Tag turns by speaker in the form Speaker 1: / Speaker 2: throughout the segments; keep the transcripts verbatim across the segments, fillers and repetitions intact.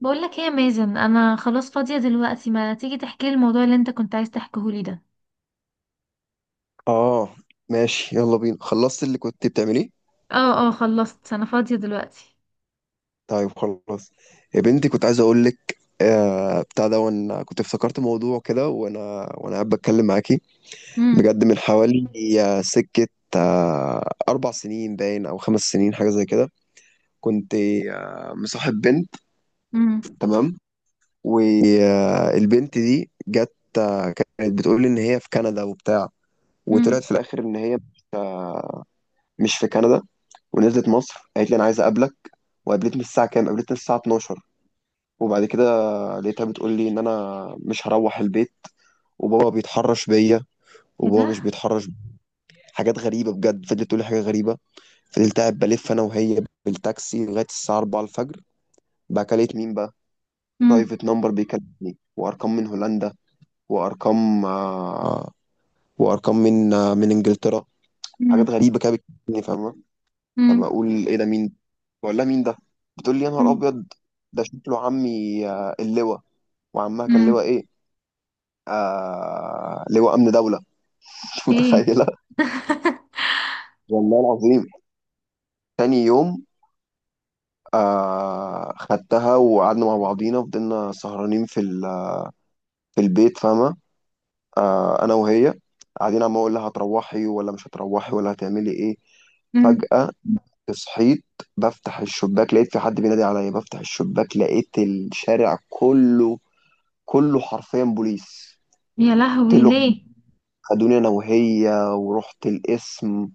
Speaker 1: بقول لك ايه يا مازن، انا خلاص فاضيه دلوقتي. ما تيجي تحكي لي الموضوع اللي انت كنت عايز تحكيه لي ده.
Speaker 2: اه ماشي يلا بينا. خلصت اللي كنت بتعمليه؟
Speaker 1: اه اه، خلصت. انا فاضيه دلوقتي.
Speaker 2: طيب خلاص يا بنتي. كنت عايز اقول لك آه بتاع ده، وانا كنت افتكرت موضوع كده وانا وانا قاعد بتكلم معاكي.
Speaker 1: امم.
Speaker 2: بجد من حوالي آه، سكة آه اربع سنين باين او خمس سنين حاجة زي كده. كنت آه مصاحب بنت،
Speaker 1: امم.
Speaker 2: تمام؟ والبنت دي جت آه، كانت بتقول لي ان هي في كندا وبتاع،
Speaker 1: امم.
Speaker 2: وطلعت في الاخر ان هي مش آه، مش في كندا. ونزلت مصر قالت لي انا عايزه اقابلك، وقابلتني الساعه كام؟ قابلتني الساعه اتناشر. وبعد كده لقيتها بتقول لي ان انا مش هروح البيت، وبابا بيتحرش بيا.
Speaker 1: ايه
Speaker 2: وبابا
Speaker 1: ده.
Speaker 2: مش بيتحرش بيا. حاجات غريبه بجد، فضلت تقول لي حاجه غريبه. فضلت قاعد بلف انا وهي بالتاكسي لغايه الساعه اربعة الفجر. بقى كلمت مين بقى؟
Speaker 1: امم.
Speaker 2: برايفت نمبر بيكلمني، وارقام من هولندا، وارقام آه، وارقام من آه، من انجلترا. حاجات
Speaker 1: امم.
Speaker 2: غريبه كده بتكلمني، فاهم؟ فما
Speaker 1: امم.
Speaker 2: اقول ايه ده مين؟ بقول لها مين ده، بتقول لي يا نهار
Speaker 1: امم.
Speaker 2: ابيض، ده شكله عمي، آه، اللواء. وعمها كان
Speaker 1: امم.
Speaker 2: لواء ايه؟ آه، لواء امن دوله. مش
Speaker 1: ايه.
Speaker 2: متخيله. والله العظيم. تاني يوم آه خدتها وقعدنا مع بعضينا، فضلنا سهرانين في ال- في البيت، فاهمه؟ آه، انا وهي قاعدين، عم اقول لها هتروحي ولا مش هتروحي ولا هتعملي ايه.
Speaker 1: امم.
Speaker 2: فجأة صحيت بفتح الشباك، لقيت في حد بينادي عليا، بفتح الشباك لقيت الشارع كله، كله حرفيا بوليس.
Speaker 1: يا
Speaker 2: قلت
Speaker 1: لهوي،
Speaker 2: له
Speaker 1: ليه؟
Speaker 2: خدوني انا وهي، ورحت القسم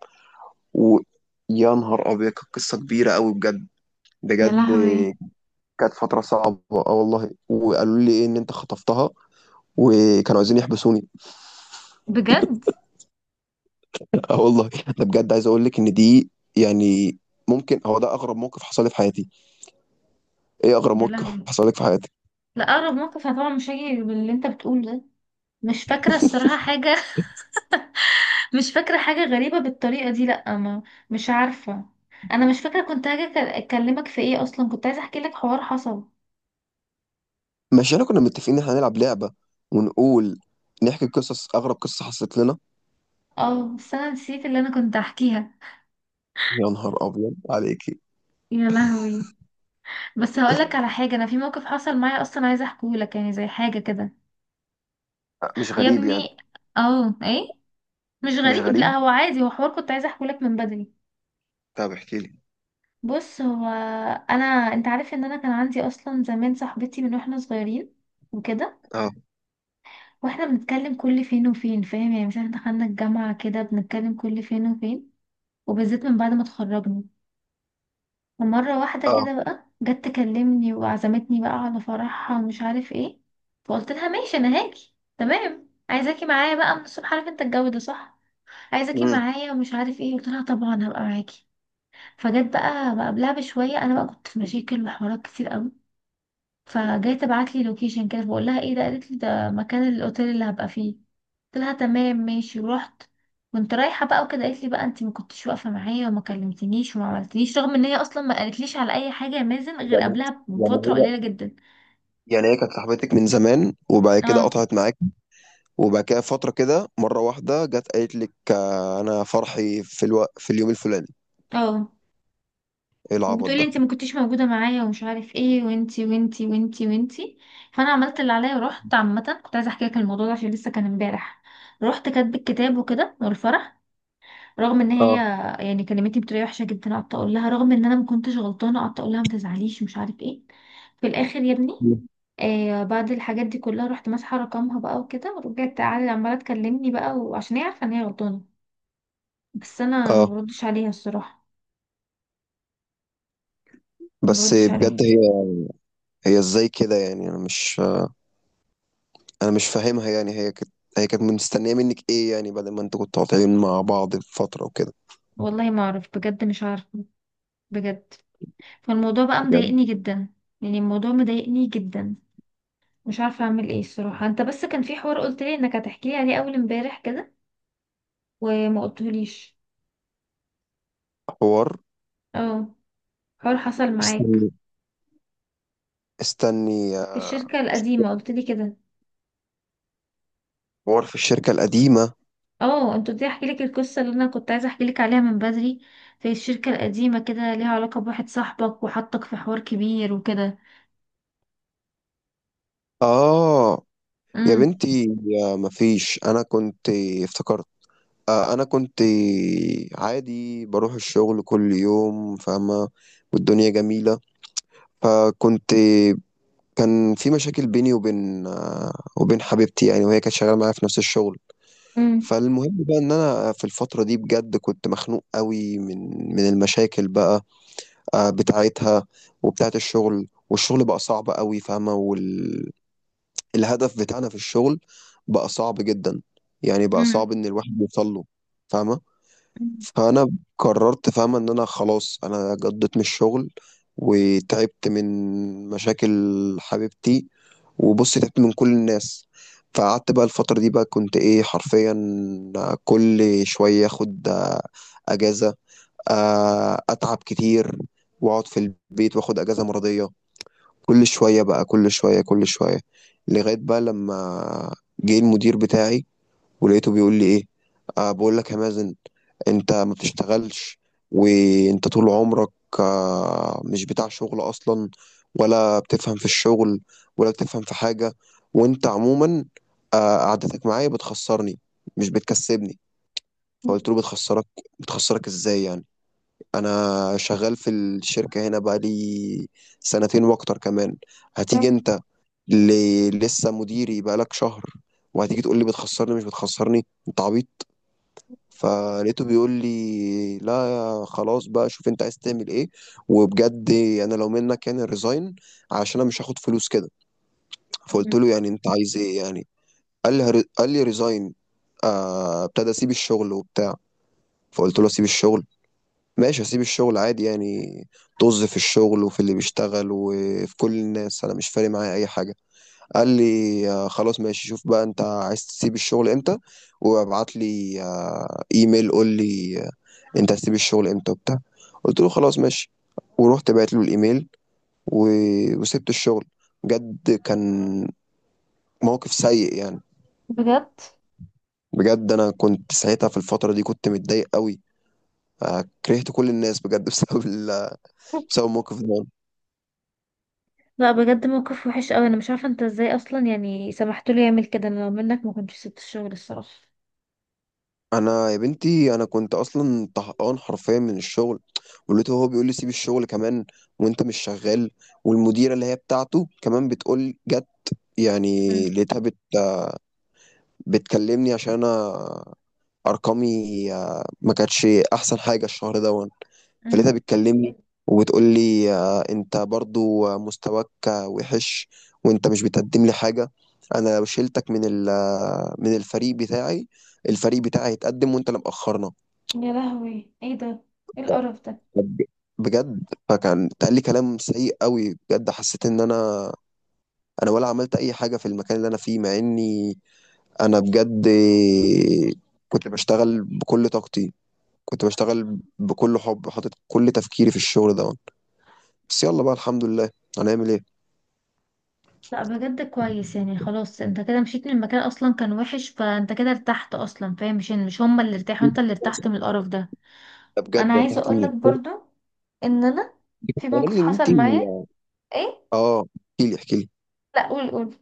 Speaker 2: و يا نهار ابيض، كانت قصه كبيره قوي بجد،
Speaker 1: يا
Speaker 2: بجد.
Speaker 1: لهوي.
Speaker 2: كانت فتره صعبه، اه والله. وقالوا لي ايه؟ ان انت خطفتها، وكانوا عايزين يحبسوني.
Speaker 1: بجد؟
Speaker 2: اه والله. ده بجد عايز اقول لك ان دي، يعني ممكن هو ده اغرب موقف حصل لي في حياتي. ايه اغرب
Speaker 1: يا
Speaker 2: موقف
Speaker 1: لهوي.
Speaker 2: حصل لك في حياتك؟
Speaker 1: لا، اقرب موقف أنا طبعا مش هيجي باللي انت بتقوله ده. مش فاكره الصراحه حاجه. مش فاكرة حاجة غريبة بالطريقة دي، لأ ما. مش عارفة. أنا مش فاكرة كنت هاجي أك- أكلمك في إيه أصلا. كنت عايزة أحكي لك حوار حصل.
Speaker 2: مش احنا كنا متفقين ان احنا هنلعب لعبه، ونقول، نحكي قصص اغرب قصه حصلت لنا؟
Speaker 1: اه، بس أنا نسيت اللي أنا كنت أحكيها.
Speaker 2: يا نهار ابيض عليكي.
Speaker 1: يا لهوي. بس هقولك على حاجة، أنا في موقف حصل معايا أصلا، عايزة أحكيهولك، يعني زي حاجة كده.
Speaker 2: آه، مش
Speaker 1: يا
Speaker 2: غريب يعني؟
Speaker 1: ابني. اه. إيه. مش
Speaker 2: مش
Speaker 1: غريب
Speaker 2: غريب.
Speaker 1: لأ، هو عادي، هو حوار كنت عايزة أحكيهولك من بدري.
Speaker 2: طب احكي لي.
Speaker 1: بص، هو، أنا، أنت عارف إن أنا كان عندي أصلا زمان صاحبتي من وإحنا صغيرين وكده.
Speaker 2: اه.
Speaker 1: واحنا بنتكلم كل فين وفين، فاهم، يعني مثلا دخلنا الجامعة كده بنتكلم كل فين وفين، وبالذات من بعد ما اتخرجنا. ومرة واحدة كده
Speaker 2: اه.
Speaker 1: بقى جت تكلمني وعزمتني بقى على فرحها ومش عارف ايه. فقلت لها ماشي انا هاجي تمام، عايزاكي معايا بقى من الصبح، عارف انت الجو ده صح، عايزاكي
Speaker 2: امم.
Speaker 1: معايا ومش عارف ايه، قلت لها طبعا هبقى معاكي. فجت بقى بقى قبلها بشوية، انا بقى كنت في مشاكل وحوارات كتير قوي. فجاي تبعت لي لوكيشن كده، بقول لها ايه ده، قالت لي ده مكان الاوتيل اللي هبقى فيه. قلت لها تمام ماشي، ورحت. كنت رايحه بقى وكده، قالت لي بقى انت ما كنتش واقفه معايا وما كلمتنيش وما عملتليش، رغم ان هي اصلا ما قالتليش على اي حاجه يا مازن غير
Speaker 2: يعني،
Speaker 1: قبلها
Speaker 2: يعني
Speaker 1: بفتره
Speaker 2: هي
Speaker 1: قليله جدا.
Speaker 2: يعني هي كانت صاحبتك من زمان، وبعد كده
Speaker 1: اه.
Speaker 2: قطعت معاك، وبعد كده فترة كده مرة واحدة جت قالت لك آه، انا فرحي في الو... في اليوم الفلاني؟
Speaker 1: اه.
Speaker 2: ايه العبط
Speaker 1: وبتقولي
Speaker 2: ده.
Speaker 1: انت ما كنتيش موجوده معايا ومش عارف ايه، وانتي وانتي وانتي وانتي. فانا عملت اللي عليا ورحت. عامه كنت عايزه احكي لك الموضوع ده عشان لسه كان امبارح. رحت كاتب الكتاب وكده والفرح، رغم ان هي،
Speaker 2: اه.
Speaker 1: يعني كلمتني بطريقه وحشه جدا. قعدت اقول لها رغم ان انا ما كنتش غلطانه، قعدت اقول لها ما تزعليش ومش عارف ايه. في الاخر يا ابني،
Speaker 2: مم.
Speaker 1: آه، بعد الحاجات دي كلها رحت ماسحه رقمها بقى وكده، ورجعت تعالى عماله تكلمني بقى، وعشان هي عارفه ان هي غلطانه، بس انا ما
Speaker 2: اه
Speaker 1: بردش عليها الصراحه. ما
Speaker 2: بس
Speaker 1: بردش عليها.
Speaker 2: بجد هي، هي ازاي كده يعني؟ انا مش، انا مش فاهمها. يعني هي كانت، هي كانت مستنية منك ايه يعني، بدل ما انتوا كنتوا قاطعين مع بعض فترة وكده؟
Speaker 1: والله ما اعرف بجد، مش عارفه. بجد. فالموضوع بقى
Speaker 2: بجد.
Speaker 1: مضايقني جدا. يعني الموضوع مضايقني جدا، مش عارفه اعمل ايه الصراحه. انت بس كان في حوار قلت لي انك هتحكي لي عليه اول امبارح كده، وما قلتهوليش.
Speaker 2: حوار،
Speaker 1: اه. حوار حصل معاك.
Speaker 2: استني، استني
Speaker 1: في
Speaker 2: آه،
Speaker 1: الشركة القديمة قلت لي كده.
Speaker 2: حوار في الشركة القديمة.
Speaker 1: اه، انت قلت لي احكي لك القصة اللي انا كنت عايزة احكي لك عليها من بدري. في الشركة القديمة كده، ليها علاقة بواحد صاحبك وحطك في حوار كبير وكده.
Speaker 2: اه. يا
Speaker 1: امم.
Speaker 2: بنتي، يا مفيش، انا كنت افتكرت، آه، انا كنت عادي بروح الشغل كل يوم، فاهمة، والدنيا جميلة. فكنت، كان في مشاكل بيني وبين آه، وبين حبيبتي يعني، وهي كانت شغالة معايا في نفس الشغل.
Speaker 1: امم.
Speaker 2: فالمهم بقى ان انا في الفترة دي بجد كنت مخنوق قوي من من المشاكل بقى، آه، بتاعتها وبتاعت الشغل. والشغل بقى صعب قوي، فاهمة؟ الهدف بتاعنا في الشغل بقى صعب جدا، يعني بقى
Speaker 1: امم.
Speaker 2: صعب ان الواحد يوصل له، فاهمه؟ فانا قررت، فاهمه، ان انا خلاص انا جضيت من الشغل وتعبت من مشاكل حبيبتي، وبص تعبت من كل الناس. فقعدت بقى الفترة دي بقى كنت ايه حرفيا، كل شوية اخد آه، اجازة، آه، اتعب كتير واقعد في البيت، واخد اجازة مرضية كل شوية بقى، كل شوية كل شوية. لغاية بقى لما جه المدير بتاعي، ولقيته بيقول لي ايه، أه بقول لك يا مازن، انت ما بتشتغلش، وانت طول عمرك أه مش بتاع شغل اصلا، ولا بتفهم في الشغل، ولا بتفهم في حاجة، وانت عموما أه قعدتك معايا بتخسرني، مش بتكسبني. فقلت له بتخسرك؟ بتخسرك ازاي يعني؟ انا شغال في الشركة هنا بقى لي سنتين واكتر كمان، هتيجي انت اللي لسه مديري بقالك شهر، وهتيجي تقول لي بتخسرني؟ مش بتخسرني انت عبيط؟ فلقيته بيقول لي لا خلاص بقى، شوف انت عايز تعمل ايه. وبجد انا لو منك يعني ريزاين، عشان انا مش هاخد فلوس كده. فقلت له يعني انت عايز ايه يعني؟ قال لي هر- قال لي ريزاين، آه، ابتدى اسيب الشغل وبتاع. فقلت له اسيب الشغل؟ ماشي اسيب الشغل عادي يعني، طز في الشغل وفي اللي بيشتغل وفي كل الناس، انا مش فارق معايا اي حاجه. قال لي آه، خلاص ماشي، شوف بقى انت عايز تسيب الشغل امتى، وابعت لي آه، ايميل قول لي آه، انت هتسيب الشغل امتى وبتاع. قلت له خلاص ماشي. ورحت بعت له الايميل و... وسبت الشغل. بجد كان موقف سيء يعني.
Speaker 1: بجد.
Speaker 2: بجد انا كنت ساعتها في الفترة دي كنت متضايق قوي، آه، كرهت كل الناس بجد. بسبب ال... بسبب الموقف ده.
Speaker 1: لا بجد موقف وحش قوي، انا مش عارفة انت ازاي اصلا يعني سمحت له يعمل كده. انا لو منك ما كنتش سبت الشغل الصراحة.
Speaker 2: انا يا بنتي انا كنت اصلا طهقان حرفيا من الشغل، ولقيته هو بيقول لي سيب الشغل كمان، وانت مش شغال. والمديره اللي هي بتاعته كمان بتقول، جت يعني،
Speaker 1: امم.
Speaker 2: لقيتها بت بتكلمني عشان انا ارقامي آه، ما كانتش احسن حاجه الشهر ده. فلقيتها
Speaker 1: امم.
Speaker 2: بتكلمني وبتقول لي آه، انت برضو آه، مستواك آه، وحش، وانت مش بتقدم لي حاجه، انا لو شلتك من ال- آه، من الفريق بتاعي، الفريق بتاعي هيتقدم وانت اللي مأخرنا.
Speaker 1: يا لهوي، ايه ده. ايه القرف ده.
Speaker 2: بجد. بجد. فكان اتقال لي كلام سيء قوي بجد، حسيت ان انا، انا ولا عملت اي حاجه في المكان اللي انا فيه، مع اني انا بجد كنت بشتغل بكل طاقتي، كنت بشتغل بكل حب، حاطط كل تفكيري في الشغل ده. بس يلا بقى، الحمد لله، هنعمل ايه.
Speaker 1: لا بجد كويس يعني، خلاص انت كده مشيت من المكان اصلا كان وحش، فانت كده ارتحت اصلا، فاهم. مش مش هما اللي ارتاحوا، انت اللي ارتحت من القرف ده.
Speaker 2: بجد
Speaker 1: انا عايزه
Speaker 2: ارتحت
Speaker 1: اقول
Speaker 2: من
Speaker 1: لك
Speaker 2: الشغل.
Speaker 1: برضو ان انا في
Speaker 2: قال
Speaker 1: موقف
Speaker 2: لي ان انت،
Speaker 1: حصل معايا. ايه.
Speaker 2: اه احكي لي احكي لي.
Speaker 1: لا، قول قول.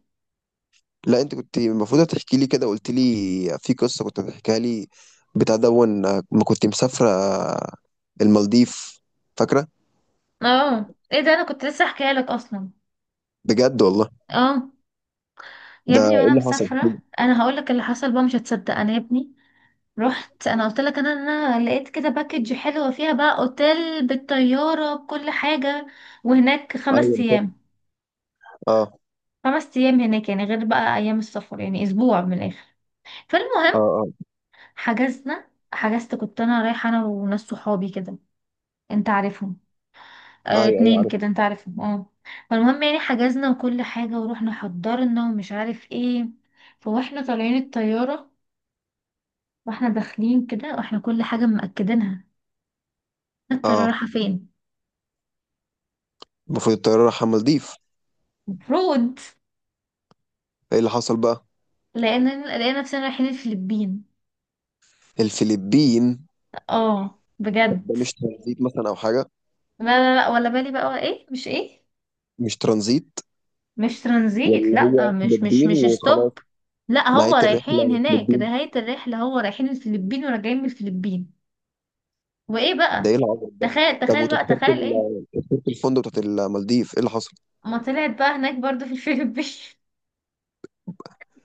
Speaker 2: لا انت كنت المفروض هتحكي لي، كده قلت لي في قصه كنت بتحكيها لي، بتاع دون آه، ما كنت مسافره آه، المالديف، فاكره؟
Speaker 1: اه، ايه ده، انا كنت لسه احكيها لك اصلا.
Speaker 2: بجد والله.
Speaker 1: اه. يا
Speaker 2: ده
Speaker 1: ابني
Speaker 2: ايه
Speaker 1: وانا
Speaker 2: اللي حصل؟
Speaker 1: مسافره انا هقول لك اللي حصل بقى، مش هتصدق انا يا ابني. رحت، انا قلت لك انا انا لقيت كده باكج حلوه فيها بقى اوتيل بالطياره بكل حاجه، وهناك
Speaker 2: ايوه
Speaker 1: خمس
Speaker 2: أنا فاكر.
Speaker 1: ايام
Speaker 2: اه.
Speaker 1: خمس ايام هناك يعني غير بقى ايام السفر، يعني اسبوع من الاخر. فالمهم
Speaker 2: اه.
Speaker 1: حجزنا، حجزت كنت انا رايحه انا وناس صحابي كده، انت عارفهم.
Speaker 2: اه.
Speaker 1: اه،
Speaker 2: ايوه ايوه
Speaker 1: اتنين كده،
Speaker 2: عارف.
Speaker 1: انت عارفهم اه. فالمهم يعني حجزنا وكل حاجه، ورحنا حضرنا ومش عارف ايه. فواحنا طالعين الطياره واحنا داخلين كده، واحنا كل حاجه مأكدينها، الطياره
Speaker 2: اه.
Speaker 1: رايحه فين.
Speaker 2: المفروض الطياره رايحه المالديف،
Speaker 1: المفروض.
Speaker 2: ايه اللي حصل بقى؟
Speaker 1: لقينا لقينا نفسنا رايحين الفلبين.
Speaker 2: الفلبين؟
Speaker 1: اه
Speaker 2: طب ده
Speaker 1: بجد.
Speaker 2: مش ترانزيت مثلا او حاجه؟
Speaker 1: لا لا لا، ولا بالي بقى، ولا ايه مش ايه.
Speaker 2: مش ترانزيت؟
Speaker 1: مش ترانزيت.
Speaker 2: ولا
Speaker 1: لا،
Speaker 2: هو
Speaker 1: مش مش
Speaker 2: فلبين
Speaker 1: مش
Speaker 2: وخلاص؟
Speaker 1: ستوب. لا هو
Speaker 2: نهايه
Speaker 1: رايحين
Speaker 2: الرحله
Speaker 1: هناك
Speaker 2: فلبين؟
Speaker 1: نهاية الرحلة، هو رايحين الفلبين وراجعين من الفلبين. وايه
Speaker 2: ده ايه
Speaker 1: بقى.
Speaker 2: العبط ده.
Speaker 1: تخيل
Speaker 2: طب
Speaker 1: تخيل بقى
Speaker 2: وتذكره
Speaker 1: تخيل ايه.
Speaker 2: ال- تذكره الفندق بتاعت المالديف ايه اللي حصل؟
Speaker 1: ما طلعت بقى هناك برضو في الفلبين.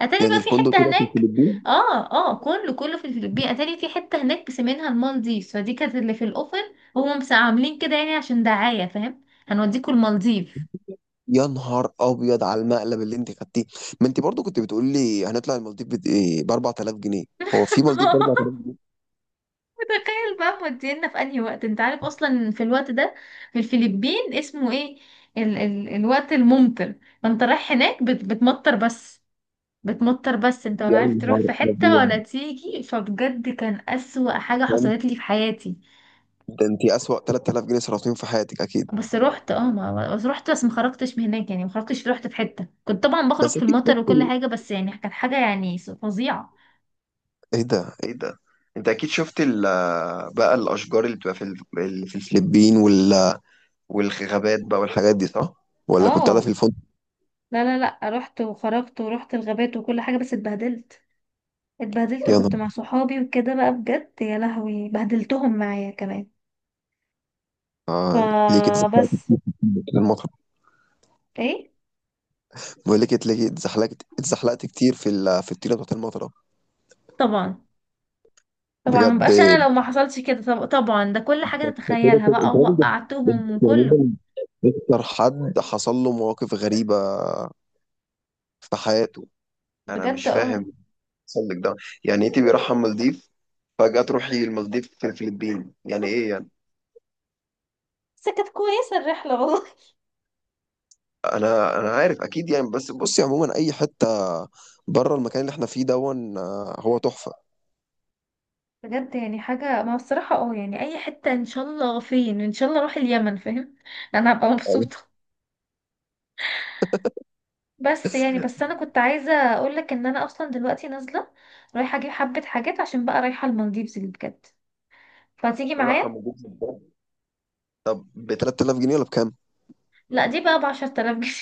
Speaker 1: اتاري
Speaker 2: يعني
Speaker 1: بقى في
Speaker 2: الفندق
Speaker 1: حتة
Speaker 2: كده في
Speaker 1: هناك.
Speaker 2: الفلبين؟
Speaker 1: اه. اه. كله كله في الفلبين، اتاري في حتة هناك بيسمينها المالديف، فدي كانت اللي في الاوفر، هم بس عاملين كده يعني عشان دعاية فاهم، هنوديكوا المالديف.
Speaker 2: يا نهار ابيض على المقلب اللي انت خدتيه. ما انت برضو كنت بتقول لي هنطلع المالديف بت... ايه ب اربعة الاف جنيه؟ هو في مالديف ب اربعة الاف جنيه؟
Speaker 1: متخيل بقى، مودينا في انهي وقت. انت عارف اصلا في الوقت ده في الفلبين اسمه ايه؟ ال ال الوقت الممطر. فانت رايح هناك بت بتمطر بس. بتمطر بس انت ولا
Speaker 2: يا
Speaker 1: عارف تروح
Speaker 2: نهار
Speaker 1: في حتة
Speaker 2: ابيض،
Speaker 1: ولا تيجي، فبجد كان اسوأ حاجة حصلت لي في حياتي.
Speaker 2: ده انت اسوأ تلات الاف جنيه صرفتيهم في حياتك اكيد.
Speaker 1: بس رحت اه ما بس رحت بس ما خرجتش من هناك، يعني ما خرجتش. رحت في حتة، كنت طبعا بخرج
Speaker 2: بس
Speaker 1: في
Speaker 2: اكيد
Speaker 1: المطر وكل
Speaker 2: شفت،
Speaker 1: حاجة بس، يعني كانت حاجة يعني فظيعة.
Speaker 2: ايه ده ايه ده، انت اكيد شفت ال... بقى الاشجار اللي بتبقى في ال... اللي في الفلبين وال... والغابات بقى والحاجات دي صح؟ ولا كنت قاعده
Speaker 1: اه.
Speaker 2: في الفندق؟
Speaker 1: لا لا لا، رحت وخرجت ورحت الغابات وكل حاجة، بس اتبهدلت. اتبهدلت
Speaker 2: يا نهار
Speaker 1: وكنت مع صحابي وكده بقى بجد، يا لهوي، بهدلتهم معايا كمان.
Speaker 2: آه. ليه كده زعلت؟
Speaker 1: فبس.
Speaker 2: المطر.
Speaker 1: ايه.
Speaker 2: بقول لك اتلاقي، اتزحلقت اتزحلقت كتير في ال... في الطيله بتاعت المطره؟
Speaker 1: طبعا. طبعا
Speaker 2: بجد
Speaker 1: مبقاش انا لو ما حصلش كده. طب... طبعا ده كل حاجة
Speaker 2: انت كده
Speaker 1: تتخيلها
Speaker 2: كده-
Speaker 1: بقى،
Speaker 2: انت راجل، ده- ده انت
Speaker 1: وقعتهم وكله.
Speaker 2: عموما اكتر حد حصل له مواقف غريبه في حياته. انا
Speaker 1: بجد.
Speaker 2: مش
Speaker 1: اه.
Speaker 2: فاهم حصل لك ده، يعني انت بيرحم مالديف، فجأة تروحي المالديف في الفلبين؟ يعني ايه يعني؟
Speaker 1: بس كانت كويسة الرحلة والله.
Speaker 2: انا انا عارف اكيد يعني، بس بصي عموما اي حته بره المكان اللي احنا فيه دون آه، هو تحفه.
Speaker 1: بجد يعني حاجة، ما هو الصراحة اه، يعني اي حتة ان شاء الله. فين ان شاء الله، اروح اليمن فاهم. انا هبقى
Speaker 2: أيوة.
Speaker 1: مبسوطة. بس يعني، بس انا كنت عايزة اقولك ان انا اصلا دلوقتي نازلة، رايحة اجيب حبة حاجات عشان بقى رايحة المالديفز اللي بجد، فتيجي
Speaker 2: رحم
Speaker 1: معايا.
Speaker 2: وجوز البر. طب ب تلات الاف جنيه ولا بكام؟
Speaker 1: لا دي بقى بعشرة آلاف جنيه.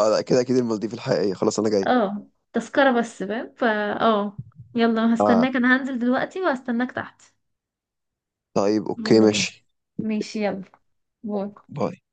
Speaker 2: آه لا، كده اكيد المالديف الحقيقيه، خلاص انا جاي.
Speaker 1: اه تذكرة بس فاهم فا. اه. يلا،
Speaker 2: آه،
Speaker 1: هستناك، انا هنزل دلوقتي وهستناك تحت.
Speaker 2: طيب اوكي
Speaker 1: يلا بينا.
Speaker 2: ماشي.
Speaker 1: ماشي يلا. باي.
Speaker 2: باي.